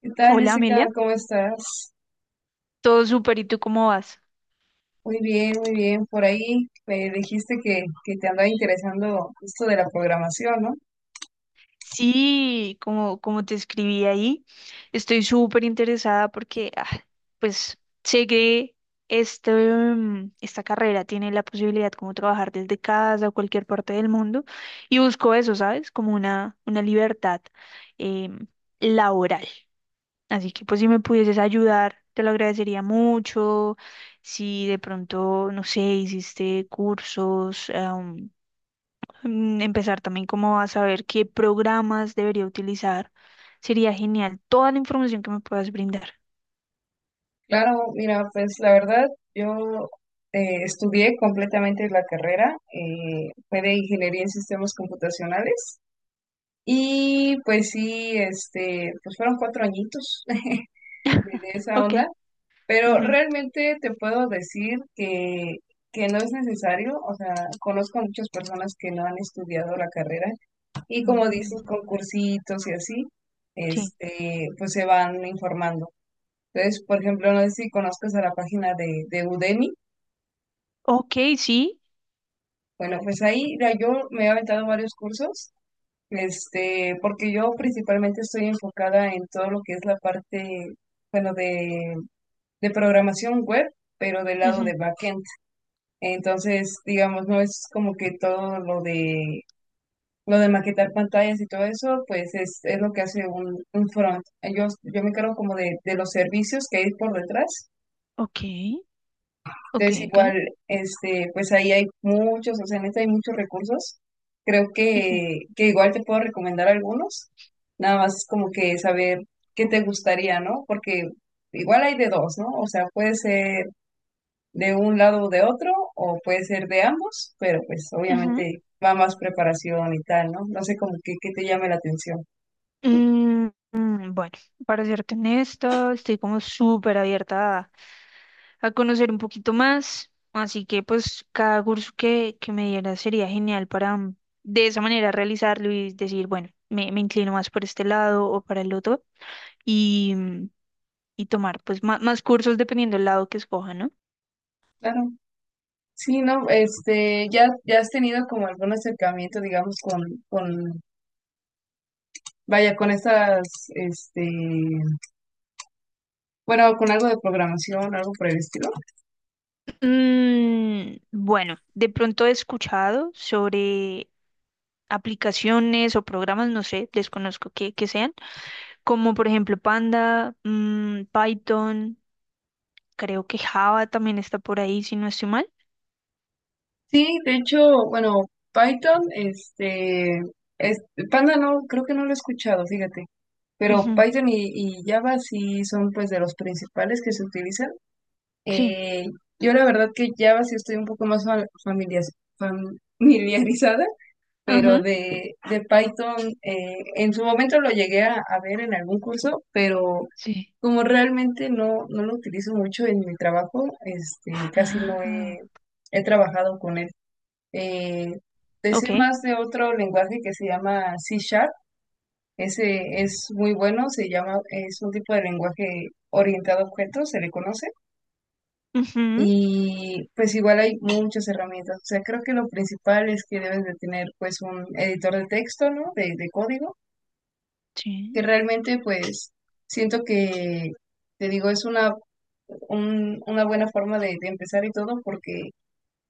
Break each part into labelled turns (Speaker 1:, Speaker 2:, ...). Speaker 1: ¿Qué tal,
Speaker 2: Hola
Speaker 1: Jessica?
Speaker 2: Amelia,
Speaker 1: ¿Cómo estás?
Speaker 2: todo súper, ¿y tú cómo vas?
Speaker 1: Muy bien, muy bien. Por ahí me dijiste que te andaba interesando esto de la programación, ¿no?
Speaker 2: Sí, como te escribí ahí, estoy súper interesada porque pues sé que esta carrera tiene la posibilidad como trabajar desde casa o cualquier parte del mundo y busco eso, ¿sabes? Como una libertad em, laboral. Así que pues si me pudieses ayudar, te lo agradecería mucho. Si de pronto, no sé, hiciste cursos. Empezar también como a saber qué programas debería utilizar. Sería genial toda la información que me puedas brindar.
Speaker 1: Claro, mira, pues la verdad, yo estudié completamente la carrera, fue de ingeniería en sistemas computacionales y pues sí, este, pues fueron cuatro añitos de esa
Speaker 2: Ok.
Speaker 1: onda, pero
Speaker 2: Ujú.
Speaker 1: realmente te puedo decir que no es necesario, o sea, conozco a muchas personas que no han estudiado la carrera. Y como dices,
Speaker 2: Mm.
Speaker 1: con cursitos y así,
Speaker 2: Sí.
Speaker 1: este, pues se van informando. Entonces, por ejemplo, no sé si conozcas a la página de Udemy.
Speaker 2: Ok, sí.
Speaker 1: Bueno, pues ahí ya yo me he aventado varios cursos, este, porque yo principalmente estoy enfocada en todo lo que es la parte, bueno, de programación web, pero del lado
Speaker 2: Ujú.
Speaker 1: de backend. Entonces, digamos, no es como que todo lo de lo de maquetar pantallas y todo eso, pues es lo que hace un front. Yo me encargo como de los servicios que hay por detrás.
Speaker 2: Ok. Ok,
Speaker 1: Entonces
Speaker 2: ok.
Speaker 1: igual, este, pues ahí hay muchos, o sea, en este hay muchos recursos. Creo
Speaker 2: Ujú.
Speaker 1: que igual te puedo recomendar algunos. Nada más es como que saber qué
Speaker 2: Oh.
Speaker 1: te gustaría, ¿no? Porque igual hay de dos, ¿no? O sea, puede ser de un lado o de otro, o puede ser de ambos, pero pues
Speaker 2: Ujú.
Speaker 1: obviamente va más preparación y tal, ¿no? No sé como que, qué te llame la atención.
Speaker 2: Mm, bueno, para serte honesta, estoy como súper abierta a conocer un poquito más. Así que pues cada curso que me diera sería genial para de esa manera realizarlo y decir, bueno, me inclino más por este lado o para el otro y y tomar pues más, cursos dependiendo del lado que escoja, ¿no?
Speaker 1: Claro, sí, no, este, ya, ya has tenido como algún acercamiento, digamos, con, vaya, con estas, este, bueno, con algo de programación, algo por el estilo.
Speaker 2: Bueno, de pronto he escuchado sobre aplicaciones o programas, no sé, desconozco qué sean como por ejemplo Panda, Python, creo que Java también está por ahí, si no estoy mal.
Speaker 1: Sí, de hecho, bueno, Python, este, es- Panda no, creo que no lo he escuchado, fíjate, pero Python y Java sí son pues de los principales que se utilizan.
Speaker 2: Sí,
Speaker 1: Eh, yo la verdad que Java sí estoy un poco más fa- familias- familiarizada, pero
Speaker 2: ajá,
Speaker 1: de Python en su momento lo llegué a ver en algún curso, pero
Speaker 2: sí.
Speaker 1: como realmente no, no lo utilizo mucho en mi trabajo, este, casi no
Speaker 2: Ah,
Speaker 1: he, he trabajado con él. Eh, te
Speaker 2: ok.
Speaker 1: sé más de otro lenguaje que se llama C Sharp. Ese es muy bueno, se llama, es un tipo de lenguaje orientado a objetos, se le conoce.
Speaker 2: Ujú,
Speaker 1: Y pues igual hay muchas herramientas. O sea, creo que lo principal es que debes de tener pues un editor de texto, ¿no? De código
Speaker 2: sí.
Speaker 1: que realmente pues siento que, te digo, es una, un- una buena forma de empezar y todo porque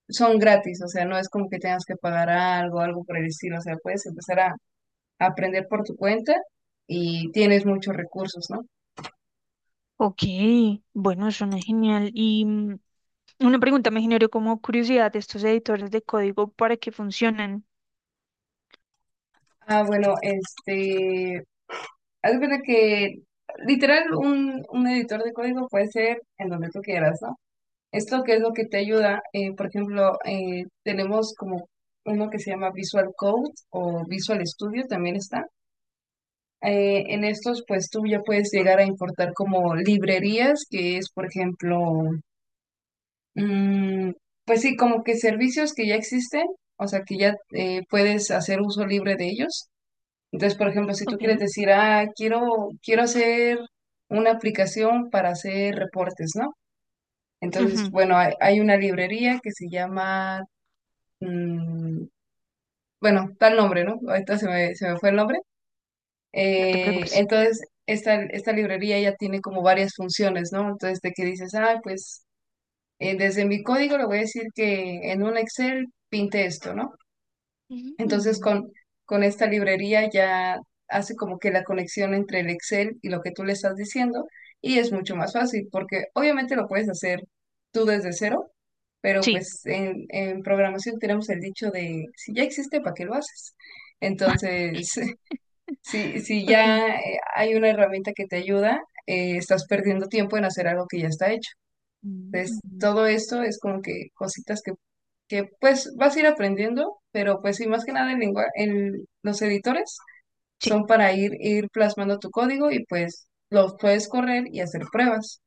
Speaker 1: son gratis, o sea, no es como que tengas que pagar algo, algo por el estilo, o sea, puedes empezar a aprender por tu cuenta y tienes muchos recursos, ¿no?
Speaker 2: Ok, bueno, suena genial. Y una pregunta me generó como curiosidad, ¿estos editores de código para qué funcionan?
Speaker 1: Ah, bueno, este, haz de cuenta que literal un editor de código puede ser en donde tú quieras, ¿no? Esto que es lo que te ayuda, por ejemplo, tenemos como uno que se llama Visual Code, o Visual Studio también está. En estos, pues tú ya puedes llegar a importar como librerías, que es, por ejemplo, mm, pues sí, como que servicios que ya existen, o sea, que ya puedes hacer uso libre de ellos. Entonces, por ejemplo, si tú
Speaker 2: Ok.
Speaker 1: quieres decir, ah, quiero hacer una aplicación para hacer reportes, ¿no? Entonces,
Speaker 2: Ujú.
Speaker 1: bueno, hay una librería que se llama mm, bueno, tal nombre, ¿no? Ahorita se me fue el nombre.
Speaker 2: No te preocupes.
Speaker 1: Entonces, esta librería ya tiene como varias funciones, ¿no? Entonces, de que dices, ah, pues desde mi código le voy a decir que en un Excel pinte esto, ¿no? Entonces,
Speaker 2: Mm.
Speaker 1: con esta librería ya hace como que la conexión entre el Excel y lo que tú le estás diciendo y es mucho más fácil porque obviamente lo puedes hacer tú desde cero, pero
Speaker 2: Sí,
Speaker 1: pues en programación tenemos el dicho de si ya existe, ¿para qué lo haces? Entonces, si, si
Speaker 2: ok.
Speaker 1: ya hay una herramienta que te ayuda, estás perdiendo tiempo en hacer algo que ya está hecho. Entonces,
Speaker 2: Mm.
Speaker 1: todo esto es como que cositas que pues vas a ir aprendiendo, pero pues sí, más que nada el lengua- el- los editores
Speaker 2: Sí.
Speaker 1: son para ir, ir plasmando tu código y pues los puedes correr y hacer pruebas,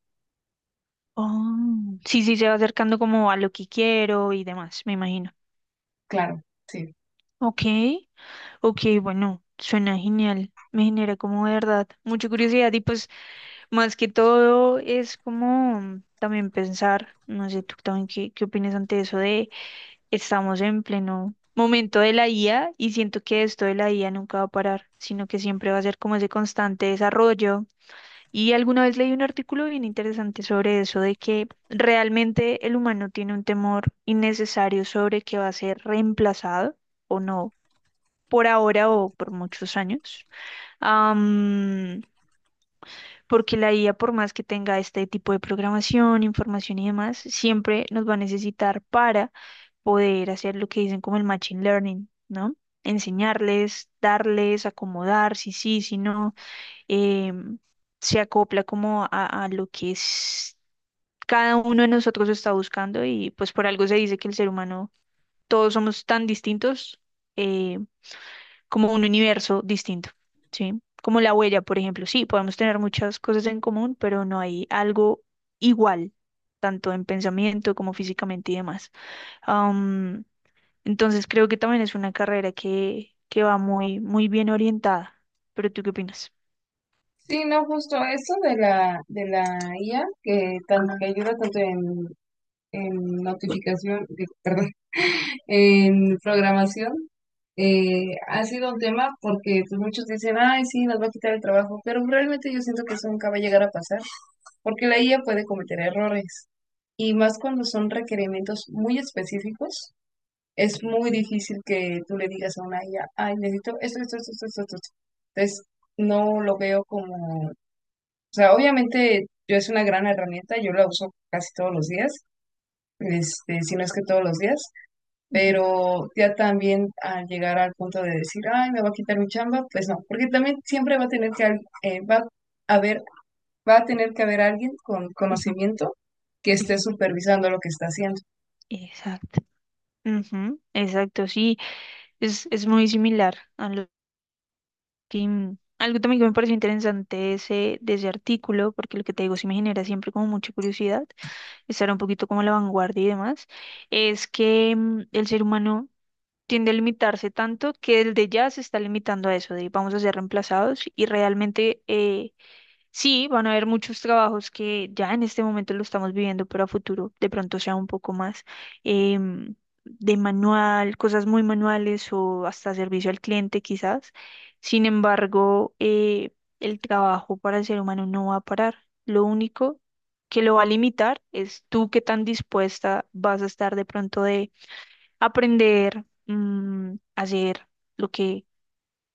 Speaker 2: Oh, sí, sí, se va acercando como a lo que quiero y demás, me imagino.
Speaker 1: claro, sí.
Speaker 2: Ok, ok, bueno, suena genial. Me genera como de verdad mucha curiosidad y pues... Más que todo es como también pensar, no sé, tú también qué opinas ante eso de estamos en pleno momento de la IA y siento que esto de la IA nunca va a parar, sino que siempre va a ser como ese constante desarrollo. Y alguna vez leí un artículo bien interesante sobre eso, de que realmente el humano tiene un temor innecesario sobre que va a ser reemplazado o no, por ahora o por muchos años porque la IA, por más que tenga este tipo de programación, información y demás, siempre nos va a necesitar para poder hacer lo que dicen como el machine learning, ¿no? Enseñarles, darles, acomodar, si sí, si no, em, se acopla como a lo que es cada uno de nosotros está buscando y pues por algo se dice que el ser humano, todos somos tan distintos. eh, Como un universo distinto, ¿sí? Como la huella, por ejemplo. Sí, podemos tener muchas cosas en común, pero no hay algo igual, tanto en pensamiento como físicamente y demás. Am, entonces creo que también es una carrera que va muy, muy bien orientada. ¿Pero tú qué opinas?
Speaker 1: Sí, no, justo eso de la IA, que, tan- que ayuda tanto en notificación, digo, perdón, en programación, ha sido un tema porque pues, muchos dicen, ay, sí, nos va a quitar el trabajo, pero realmente yo siento que eso nunca va a llegar a pasar, porque la IA puede cometer errores, y más cuando son requerimientos muy específicos, es muy difícil que tú le digas a una IA, ay, necesito esto, esto, esto, esto, esto. Esto". Entonces, no lo veo como, o sea, obviamente yo es una gran herramienta, yo la uso casi todos los días, este, si no es que todos los días,
Speaker 2: Ujú,
Speaker 1: pero ya también al llegar al punto de decir, ay, me va a quitar mi chamba, pues no, porque también siempre va a tener que, al- va a haber, va a tener que haber alguien con
Speaker 2: ujú,
Speaker 1: conocimiento que esté
Speaker 2: ujú.
Speaker 1: supervisando lo que está haciendo.
Speaker 2: Exacto. Ujú, exacto, sí, es muy similar a lo que... Algo también que me pareció interesante de ese artículo, porque lo que te digo sí me genera siempre como mucha curiosidad, estar un poquito como a la vanguardia y demás, es que el ser humano tiende a limitarse tanto que el de ya se está limitando a eso, de vamos a ser reemplazados y realmente... sí, van a haber muchos trabajos que ya en este momento lo estamos viviendo, pero a futuro de pronto sea un poco más em, de manual, cosas muy manuales o hasta servicio al cliente quizás. Sin embargo, el trabajo para el ser humano no va a parar. Lo único que lo va a limitar es tú qué tan dispuesta vas a estar de pronto de aprender, hacer. Lo que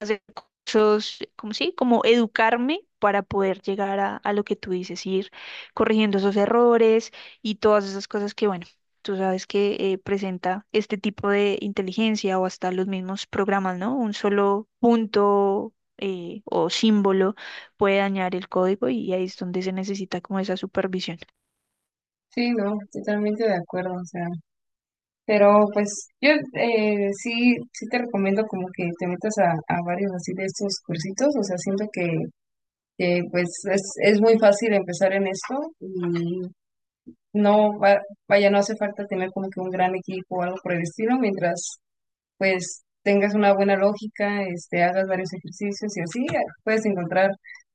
Speaker 2: Hacer cosas, como sí, como educarme para poder llegar a lo que tú dices, ir corrigiendo esos errores y todas esas cosas que, bueno, tú sabes que presenta este tipo de inteligencia o hasta los mismos programas, ¿no? Un solo punto. O símbolo puede dañar el código y ahí es donde se necesita como esa supervisión.
Speaker 1: Sí, no, totalmente de acuerdo, o sea, pero pues yo sí, sí te recomiendo como que te metas a varios así de estos cursitos, o sea, siento que, pues es muy fácil empezar en esto y no, va- vaya, no hace falta tener como que un gran equipo o algo por el estilo, mientras pues tengas una buena lógica, este, hagas varios ejercicios y así puedes encontrar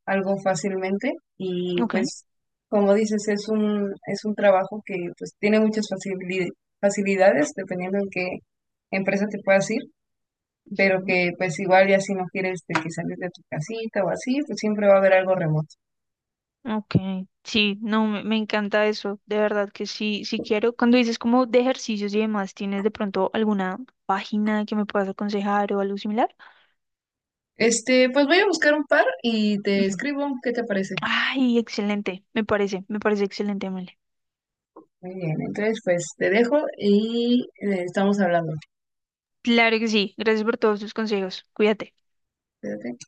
Speaker 1: algo fácilmente y
Speaker 2: Ok.
Speaker 1: pues como dices, es un trabajo que pues tiene muchas facilidades, facilidades dependiendo en qué empresa te puedas ir, pero que pues igual ya si no quieres de que salir de tu casita o así, pues siempre va a haber algo remoto.
Speaker 2: Ok, sí, no, me encanta eso, de verdad que sí, sí quiero. Cuando dices como de ejercicios y demás, ¿tienes de pronto alguna página que me puedas aconsejar o algo similar?
Speaker 1: Este, pues voy a buscar un par y te
Speaker 2: Ujú.
Speaker 1: escribo, ¿qué te parece?
Speaker 2: Ay, excelente, me parece excelente, Male.
Speaker 1: Muy bien, entonces pues te dejo y estamos hablando.
Speaker 2: Claro que sí, gracias por todos tus consejos, cuídate.
Speaker 1: Cuídate.